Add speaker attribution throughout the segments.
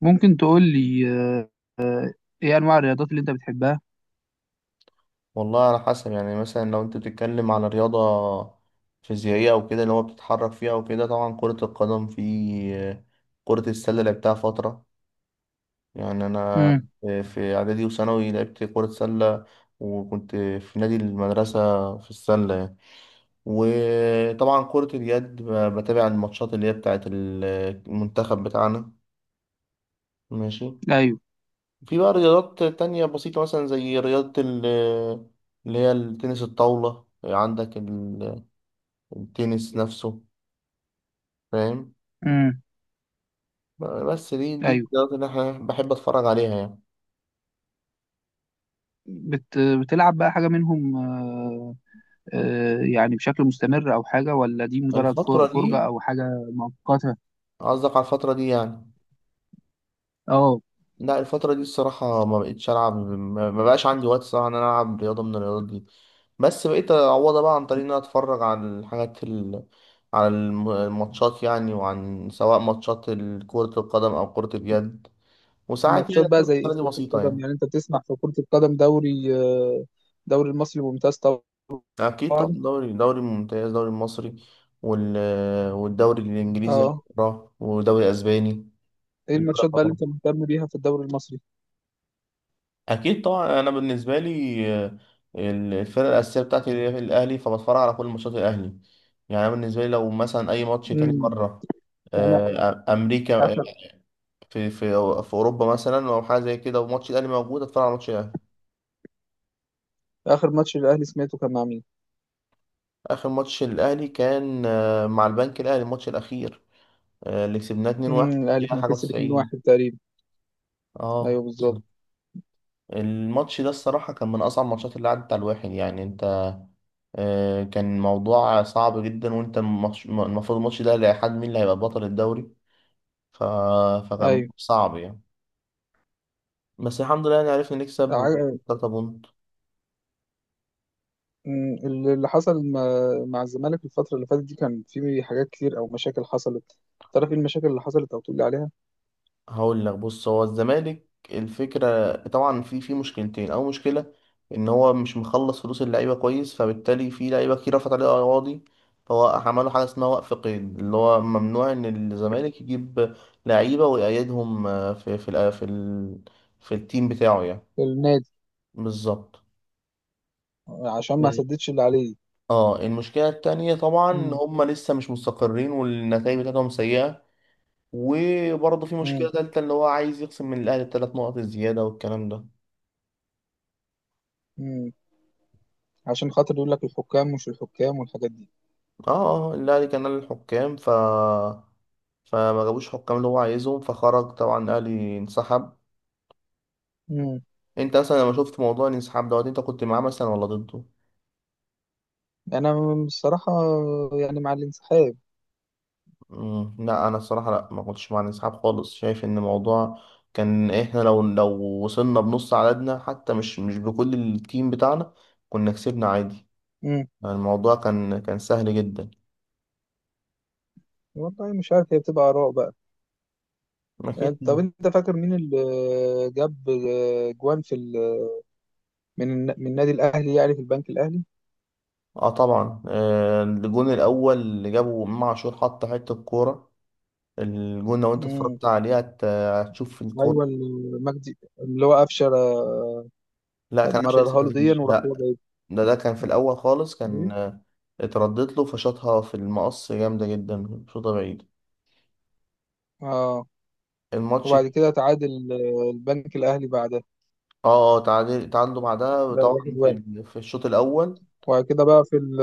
Speaker 1: ممكن تقول لي، آه، ايه انواع الرياضات اللي انت بتحبها.
Speaker 2: والله على حسب يعني مثلا لو انت بتتكلم على رياضة فيزيائية او كده اللي هو بتتحرك فيها وكده، طبعا كرة القدم، كرة السلة لعبتها فترة يعني. انا
Speaker 1: امم.
Speaker 2: في اعدادي وثانوي لعبت كرة سلة، وكنت في نادي المدرسة في السلة يعني. وطبعا كرة اليد بتابع الماتشات اللي هي بتاعت المنتخب بتاعنا. ماشي.
Speaker 1: ايوه.
Speaker 2: في بقى رياضات تانية بسيطة مثلا زي رياضة اللي هي التنس الطاولة، عندك التنس نفسه، فاهم.
Speaker 1: امم.
Speaker 2: بس دي
Speaker 1: ايوه.
Speaker 2: الرياضات اللي احنا بحب اتفرج عليها يعني.
Speaker 1: بتلعب بقى حاجه منهم؟ يعني بشكل مستمر او حاجه، ولا دي مجرد
Speaker 2: الفترة
Speaker 1: فرجه
Speaker 2: دي؟
Speaker 1: او حاجه مؤقته؟
Speaker 2: قصدك على الفترة دي يعني.
Speaker 1: اه.
Speaker 2: لا الفترة دي الصراحة ما بقتش ألعب، ما بقاش عندي وقت صراحة إن أنا ألعب رياضة من الرياضات دي. بس بقيت أعوضها بقى عن طريق إن أنا أتفرج على على الماتشات يعني، وعن سواء ماتشات كرة القدم أو كرة اليد، وساعات
Speaker 1: ماتشات
Speaker 2: يعني
Speaker 1: بقى
Speaker 2: كرة
Speaker 1: زي ايه
Speaker 2: السلة
Speaker 1: في
Speaker 2: دي
Speaker 1: كرة
Speaker 2: بسيطة
Speaker 1: القدم؟
Speaker 2: يعني.
Speaker 1: يعني انت بتسمع في كرة القدم دوري، دوري المصري ممتاز.
Speaker 2: أكيد طبعا،
Speaker 1: طبعا.
Speaker 2: دوري ممتاز، دوري المصري وال... والدوري الإنجليزي
Speaker 1: اه.
Speaker 2: أقراه، ودوري أسباني.
Speaker 1: ايه
Speaker 2: دوري
Speaker 1: الماتشات بقى اللي
Speaker 2: أقراه.
Speaker 1: انت مهتم بيها في الدوري المصري؟
Speaker 2: أكيد طبعا. أنا بالنسبة لي آه، الفرقة الأساسية بتاعتي هي الأهلي، فبتفرج على كل ماتشات الأهلي. يعني أنا بالنسبة لي لو مثلا أي ماتش تاني
Speaker 1: امم.
Speaker 2: بره،
Speaker 1: انا،
Speaker 2: آه، أمريكا، آه،
Speaker 1: اخر
Speaker 2: في في أوروبا مثلا أو حاجة زي كده، وماتش الأهلي موجود، أتفرج على ماتش الأهلي.
Speaker 1: اخر ماتش الاهلي سمعته كان مع مين؟
Speaker 2: آخر ماتش الأهلي كان آه، مع البنك الأهلي، الماتش الأخير آه، اللي كسبناه 2-1،
Speaker 1: امم. الاهلي
Speaker 2: دقيقة
Speaker 1: كان
Speaker 2: حاجة
Speaker 1: كسب 2-1
Speaker 2: و90.
Speaker 1: تقريبا. ايوه
Speaker 2: اه
Speaker 1: بالظبط.
Speaker 2: بالظبط. الماتش ده الصراحة كان من أصعب الماتشات اللي عدت على الواحد يعني. أنت آه، كان موضوع صعب جدا، وأنت المفروض الماتش ده لحد مين اللي هيبقى بطل الدوري، ف... فكان
Speaker 1: ايوه.
Speaker 2: صعب يعني. بس الحمد لله يعني عرفنا نكسب و
Speaker 1: ع-
Speaker 2: 3 بونت.
Speaker 1: اللي حصل مع مع الزمالك الفترة اللي فاتت دي، كان في حاجات كتير او مشاكل حصلت. تعرف ايه المشاكل اللي حصلت او تقول لي عليها؟
Speaker 2: هقول لك، بص، هو الزمالك الفكرة طبعا في مشكلتين. أول مشكلة إن هو مش مخلص فلوس اللعيبة كويس، فبالتالي في لعيبة كتير رفعت عليه قواضي. فهو عملوا حاجة اسمها وقف قيد، اللي هو ممنوع إن الزمالك يجيب لعيبة ويقيدهم آه، في في التيم بتاعه يعني.
Speaker 1: النادي.
Speaker 2: بالظبط.
Speaker 1: عشان ما
Speaker 2: مم.
Speaker 1: سددش اللي عليه.
Speaker 2: اه المشكلة التانية طبعا إن
Speaker 1: مم.
Speaker 2: هما لسه مش مستقرين، والنتائج بتاعتهم سيئة. وبرضه في مشكلة
Speaker 1: مم.
Speaker 2: تالتة، اللي هو عايز يخصم من الأهلي التلات نقط الزيادة والكلام ده.
Speaker 1: مم. عشان خاطر يقول لك الحكام مش الحكام والحاجات دي.
Speaker 2: اه اه الاهلي كان نادي الحكام، فما جابوش حكام اللي هو عايزهم، فخرج طبعا الاهلي، انسحب.
Speaker 1: مم.
Speaker 2: انت اصلا لما شفت موضوع الانسحاب دوت انت كنت معاه مثلا ولا ضده؟
Speaker 1: انا، بصراحة يعني مع الانسحاب.
Speaker 2: مم. لا انا الصراحه لا ما كنتش مع الانسحاب خالص. شايف ان الموضوع كان، احنا لو وصلنا بنص عددنا حتى، مش بكل التيم بتاعنا، كنا كسبنا عادي.
Speaker 1: مم.
Speaker 2: الموضوع كان سهل جدا.
Speaker 1: والله مش عارف، هي بتبقى آراء بقى.
Speaker 2: اكيد
Speaker 1: يعني طب
Speaker 2: طبعا.
Speaker 1: انت فاكر مين اللي جاب جوان في ال... من من النادي الاهلي، يعني في البنك الاهلي؟
Speaker 2: اه طبعا، آه، الجون الاول اللي جابه امام عاشور، حط حته الكوره، الجون لو انت
Speaker 1: مم.
Speaker 2: اتفرجت عليه هتشوف
Speaker 1: ايوه
Speaker 2: الكورة.
Speaker 1: المجدي اللي هو قفشه،
Speaker 2: لا كان عشان ياسر
Speaker 1: مررها له ديا
Speaker 2: عزيز،
Speaker 1: وراح هو
Speaker 2: لا.
Speaker 1: جايب.
Speaker 2: ده كان في الأول خالص، كان
Speaker 1: ليه؟
Speaker 2: آه، اتردت له فشاطها في المقص جامدة جدا، شوطة بعيد
Speaker 1: اه.
Speaker 2: الماتش.
Speaker 1: وبعد كده تعادل، البنك الاهلي بعدها.
Speaker 2: اه اه تعادل، تعادلوا بعدها
Speaker 1: ده
Speaker 2: طبعا
Speaker 1: واحد
Speaker 2: في
Speaker 1: واحد.
Speaker 2: في الشوط الأول.
Speaker 1: وبعد كده بقى في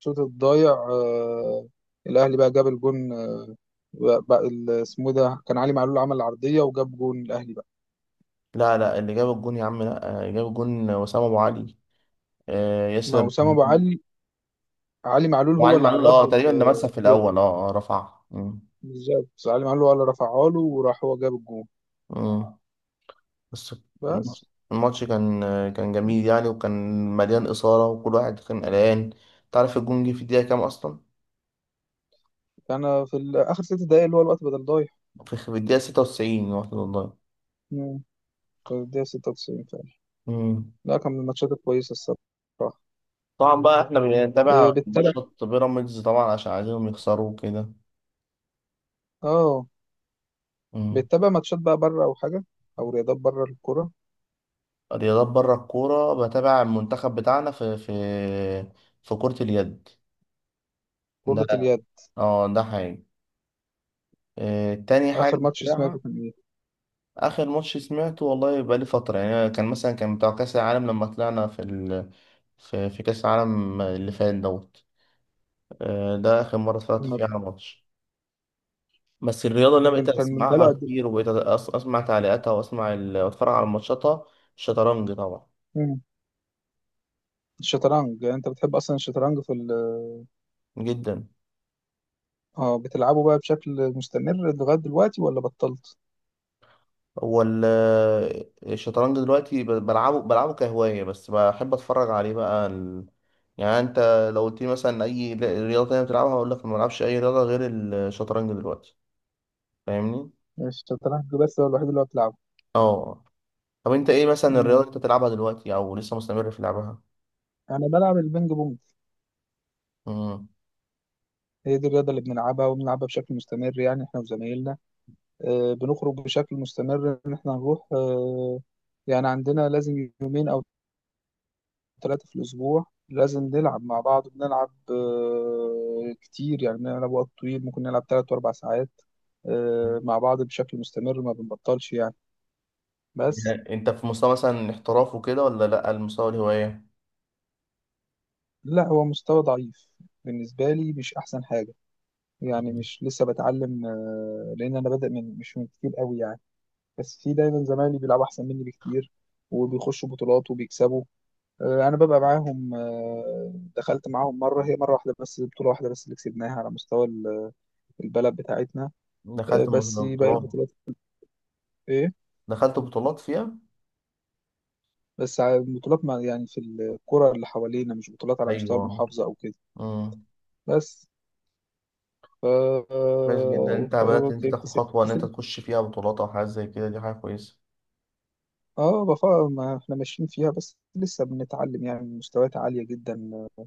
Speaker 1: الشوط الضايع، الاهلي بقى جاب الجون، بقى ال- اسمه إيه ده، كان علي معلول عمل عرضيه وجاب جون الاهلي بقى.
Speaker 2: لا لا اللي جاب الجون يا عم، لا آه، جاب الجون وسام أبو علي، آه،
Speaker 1: ما
Speaker 2: ياسر أبو
Speaker 1: وسام ابو
Speaker 2: علي.
Speaker 1: علي، علي معلول هو
Speaker 2: وعلي
Speaker 1: اللي
Speaker 2: معلول
Speaker 1: عرض
Speaker 2: اه
Speaker 1: له
Speaker 2: تقريبا ده مسح في
Speaker 1: الكوره.
Speaker 2: الأول، اه اه رفعها. مم.
Speaker 1: بالظبط، علي معلول هو اللي رفعها له وراح هو جاب الجون.
Speaker 2: مم. بس الماتش،
Speaker 1: بس
Speaker 2: الماتش كان جميل يعني، وكان مليان إثارة، وكل واحد كان قلقان. تعرف الجون جه في الدقيقة كام أصلا؟
Speaker 1: كان في ال- اخر ست دقايق اللي هو الوقت بدل
Speaker 2: في الدقيقة 96، واحد والله.
Speaker 1: ضايع. الدقيقة 96 فعلا.
Speaker 2: مم.
Speaker 1: لا كان من الماتشات الكويسة الصراحة.
Speaker 2: طبعا بقى احنا بنتابع
Speaker 1: بتتابع؟
Speaker 2: ماتشات بيراميدز طبعا عشان عايزينهم يخسروا كده.
Speaker 1: اه.
Speaker 2: مم.
Speaker 1: بتتابع ماتشات بقى بره أو حاجة؟ أو رياضات بره الكورة؟
Speaker 2: رياضات بره الكورة، بتابع المنتخب بتاعنا في في كرة اليد. ده
Speaker 1: كرة اليد.
Speaker 2: اه ده حاجة آه، تاني حاجة
Speaker 1: آخر ماتش سمعته
Speaker 2: بتابعها.
Speaker 1: كان إيه؟
Speaker 2: اخر ماتش سمعته والله بقى لي فتره يعني، كان مثلا كان بتاع كاس العالم لما طلعنا في, في كاس العالم اللي فات دوت. آه، ده اخر مره اتفرجت فيها على ماتش. بس الرياضه اللي انا
Speaker 1: كان
Speaker 2: بقيت
Speaker 1: كان من بقاله
Speaker 2: اسمعها
Speaker 1: قد
Speaker 2: كتير
Speaker 1: إيه؟
Speaker 2: وبقيت اسمع تعليقاتها واسمع واتفرج على ماتشاتها، الشطرنج طبعا.
Speaker 1: مم. الشطرنج، يعني أنت بتحب أصلا الشطرنج في ال...
Speaker 2: جدا.
Speaker 1: اه. بتلعبه بقى بشكل مستمر لغاية دلوقتي ولا بطلت؟
Speaker 2: هو الشطرنج دلوقتي بلعبه كهوايه، بس بحب اتفرج عليه بقى يعني انت لو قلت لي مثلا اي رياضه تانية بتلعبها، هقول لك ما بلعبش اي رياضه غير الشطرنج دلوقتي، فاهمني.
Speaker 1: يعني الشطرنج بس هو الوحيد اللي هو بتلعبه.
Speaker 2: اه. طب انت ايه مثلا الرياضه
Speaker 1: مم.
Speaker 2: اللي انت بتلعبها دلوقتي او لسه مستمر في لعبها؟
Speaker 1: أنا بلعب البينج بونج.
Speaker 2: امم.
Speaker 1: هي دي الرياضة اللي بنلعبها، وبنلعبها بشكل مستمر يعني إحنا وزمايلنا. بنخرج بشكل مستمر ان احنا هنروح. يعني عندنا لازم يومين او ثلاثة في الاسبوع لازم نلعب مع بعض. بنلعب، كتير يعني، بنلعب وقت طويل، ممكن نلعب ثلاث واربع ساعات، مع بعض بشكل مستمر ما بنبطلش يعني. بس.
Speaker 2: يعني انت في مستوى مثلا احتراف وكده ولا لا، المستوى الهوايه؟
Speaker 1: لا هو مستوى ضعيف بالنسبة لي، مش احسن حاجة. يعني
Speaker 2: مم.
Speaker 1: مش لسه بتعلم، لان انا بادئ من مش من كتير قوي يعني. بس في دايما زمايلي بيلعبوا احسن مني بكتير، وبيخشوا بطولات وبيكسبوا. انا ببقى معاهم. دخلت معاهم مره، هي مره واحده بس، بطوله واحده بس اللي كسبناها على مستوى البلد بتاعتنا. بس باقي
Speaker 2: بطولات.
Speaker 1: البطولات، ايه،
Speaker 2: دخلت بطولات فيها؟
Speaker 1: بس على البطولات، ما يعني في الكره اللي حوالينا مش بطولات على مستوى
Speaker 2: ايوه.
Speaker 1: المحافظه او كده.
Speaker 2: امم.
Speaker 1: بس. ف
Speaker 2: كويس جدا، انت
Speaker 1: ف
Speaker 2: بدات ان انت
Speaker 1: أوكي،
Speaker 2: تاخد خطوه ان انت
Speaker 1: كسب.
Speaker 2: تخش فيها بطولات او حاجه زي كده، دي حاجه كويسه.
Speaker 1: اه، بفا ما احنا ماشيين فيها بس لسه بنتعلم، يعني مستويات عاليه جدا،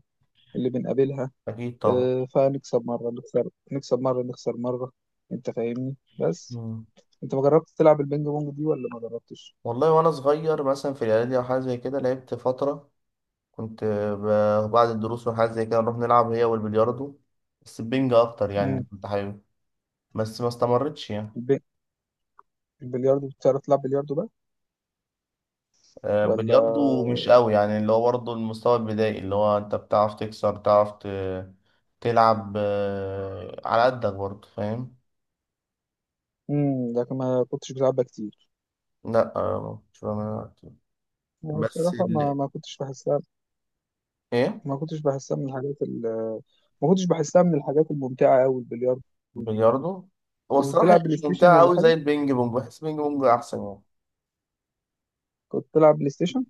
Speaker 1: اللي بنقابلها.
Speaker 2: اكيد طبعا.
Speaker 1: فنكسب مره نخسر، نكسب مره نخسر مره. انت فاهمني. بس
Speaker 2: مم.
Speaker 1: انت ما جربت تلعب البينج بونج دي ولا ما جربتش؟
Speaker 2: والله وانا صغير مثلا في الاعدادي او حاجه زي كده لعبت فتره. كنت بعد الدروس وحاجات زي كده نروح نلعب هي والبلياردو، بس البنج أكتر
Speaker 1: امم.
Speaker 2: يعني، كنت حابب، بس ما استمرتش يعني.
Speaker 1: البي... البلياردو بتعرف تلعب بلياردو بقى
Speaker 2: آه،
Speaker 1: ولا؟
Speaker 2: بلياردو مش قوي يعني، اللي هو برضه المستوى البدائي، اللي هو أنت بتعرف تكسر، تعرف تلعب آه، على قدك برضه، فاهم.
Speaker 1: امم، لكن ما كنتش بلعبها كتير.
Speaker 2: لا آه، مش بعملها كتير.
Speaker 1: أنا
Speaker 2: بس
Speaker 1: الصراحه ما ما كنتش بحسها.
Speaker 2: ايه،
Speaker 1: ما كنتش بحسها من الحاجات ال... ما كنتش بحسها من الحاجات الممتعه قوي البلياردو دي.
Speaker 2: بلياردو، هو
Speaker 1: كنت
Speaker 2: الصراحة هي
Speaker 1: بتلعب بلاي
Speaker 2: مش
Speaker 1: ستيشن
Speaker 2: ممتعة
Speaker 1: ولا
Speaker 2: قوي زي
Speaker 1: حاجه؟
Speaker 2: البينج بونج، بحس البينج بونج أحسن يعني.
Speaker 1: كنت بتلعب بلاي ستيشن؟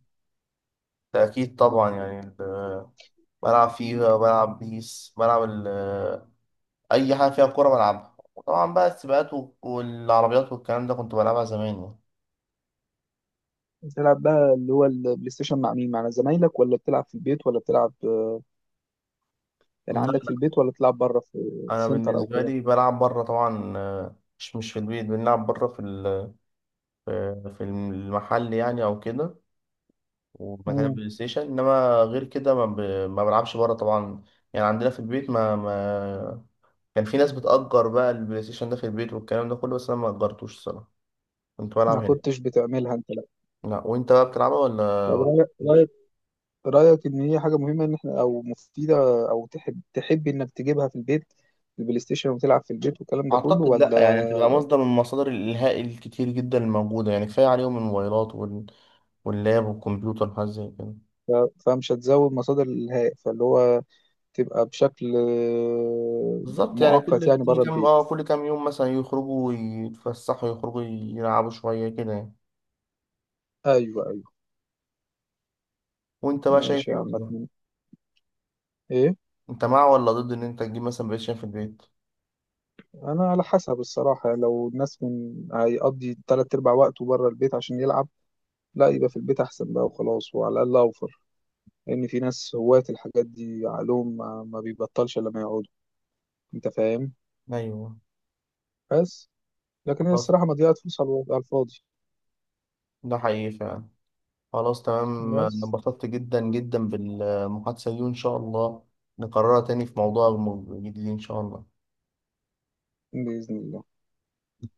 Speaker 2: ده أكيد طبعا يعني بلعب فيفا، بلعب بيس، بلعب اي حاجه فيها كوره بلعبها، وطبعا بقى السباقات والعربيات والكلام ده كنت بلعبها زمان يعني.
Speaker 1: بتلعب بقى اللي هو البلاي ستيشن مع مين؟ مع زمايلك ولا بتلعب في البيت؟ ولا بتلعب يعني
Speaker 2: لا
Speaker 1: عندك في
Speaker 2: لا،
Speaker 1: البيت ولا بتلعب بره في
Speaker 2: انا
Speaker 1: سنتر او
Speaker 2: بالنسبه
Speaker 1: كده؟
Speaker 2: لي بلعب بره طبعا، آه، مش في البيت، بنلعب بره في في المحل يعني او كده، ومكان
Speaker 1: امم.
Speaker 2: البلاي ستيشن، انما غير كده ما, ما بلعبش بره طبعا يعني. عندنا في البيت ما, ما كان في ناس بتأجر بقى البلاي ستيشن ده في البيت والكلام ده كله، بس انا ما أجرتوش الصراحه، كنت بلعب
Speaker 1: ما
Speaker 2: هنا.
Speaker 1: كنتش بتعملها انت، لا.
Speaker 2: لا وانت بقى بتلعبها ولا
Speaker 1: طب
Speaker 2: ولا؟
Speaker 1: رأيك، رأيك إن هي حاجة مهمة إن إحنا، أو مفيدة، أو تحب تحب إنك تجيبها في البيت، البلاي ستيشن، وتلعب في البيت والكلام ده كله
Speaker 2: اعتقد لا
Speaker 1: ولا؟
Speaker 2: يعني، هتبقى مصدر من مصادر الالهاء الكتير جدا الموجوده يعني. كفايه عليهم الموبايلات واللاب والكمبيوتر وحاجات زي كده.
Speaker 1: فمش هتزود مصادر الإلهاء، فاللي هو تبقى بشكل،
Speaker 2: بالظبط يعني
Speaker 1: مؤقت
Speaker 2: كل
Speaker 1: يعني
Speaker 2: كل
Speaker 1: بره
Speaker 2: كام اه
Speaker 1: البيت.
Speaker 2: كل كام يوم مثلا يخرجوا يتفسحوا، يخرجوا يلعبوا شويه كده يعني.
Speaker 1: أيوه أيوه.
Speaker 2: وانت بقى شايف
Speaker 1: ماشي
Speaker 2: ايه
Speaker 1: يا عم.
Speaker 2: بالظبط؟
Speaker 1: أتمنى، إيه.
Speaker 2: انت مع ولا ضد ان انت تجيب مثلا، بقيت شايف، في البيت؟
Speaker 1: أنا على حسب الصراحة يعني، لو الناس من هيقضي تلات أرباع وقته بره البيت عشان يلعب، لا يبقى في البيت أحسن بقى وخلاص، وعلى الأقل أوفر، لأن في ناس هواة الحاجات دي عقلهم ما بيبطلش إلا لما يقعدوا. أنت فاهم.
Speaker 2: ايوه.
Speaker 1: بس. لكن هي
Speaker 2: خلاص،
Speaker 1: الصراحة مضيعة فلوس على على الفاضي.
Speaker 2: ده حقيقي فعلا. خلاص تمام، أنا
Speaker 1: بس.
Speaker 2: انبسطت جدا جدا بالمحادثه دي، وان شاء الله نكررها تاني في موضوع جديد ان شاء الله.
Speaker 1: بإذن الله.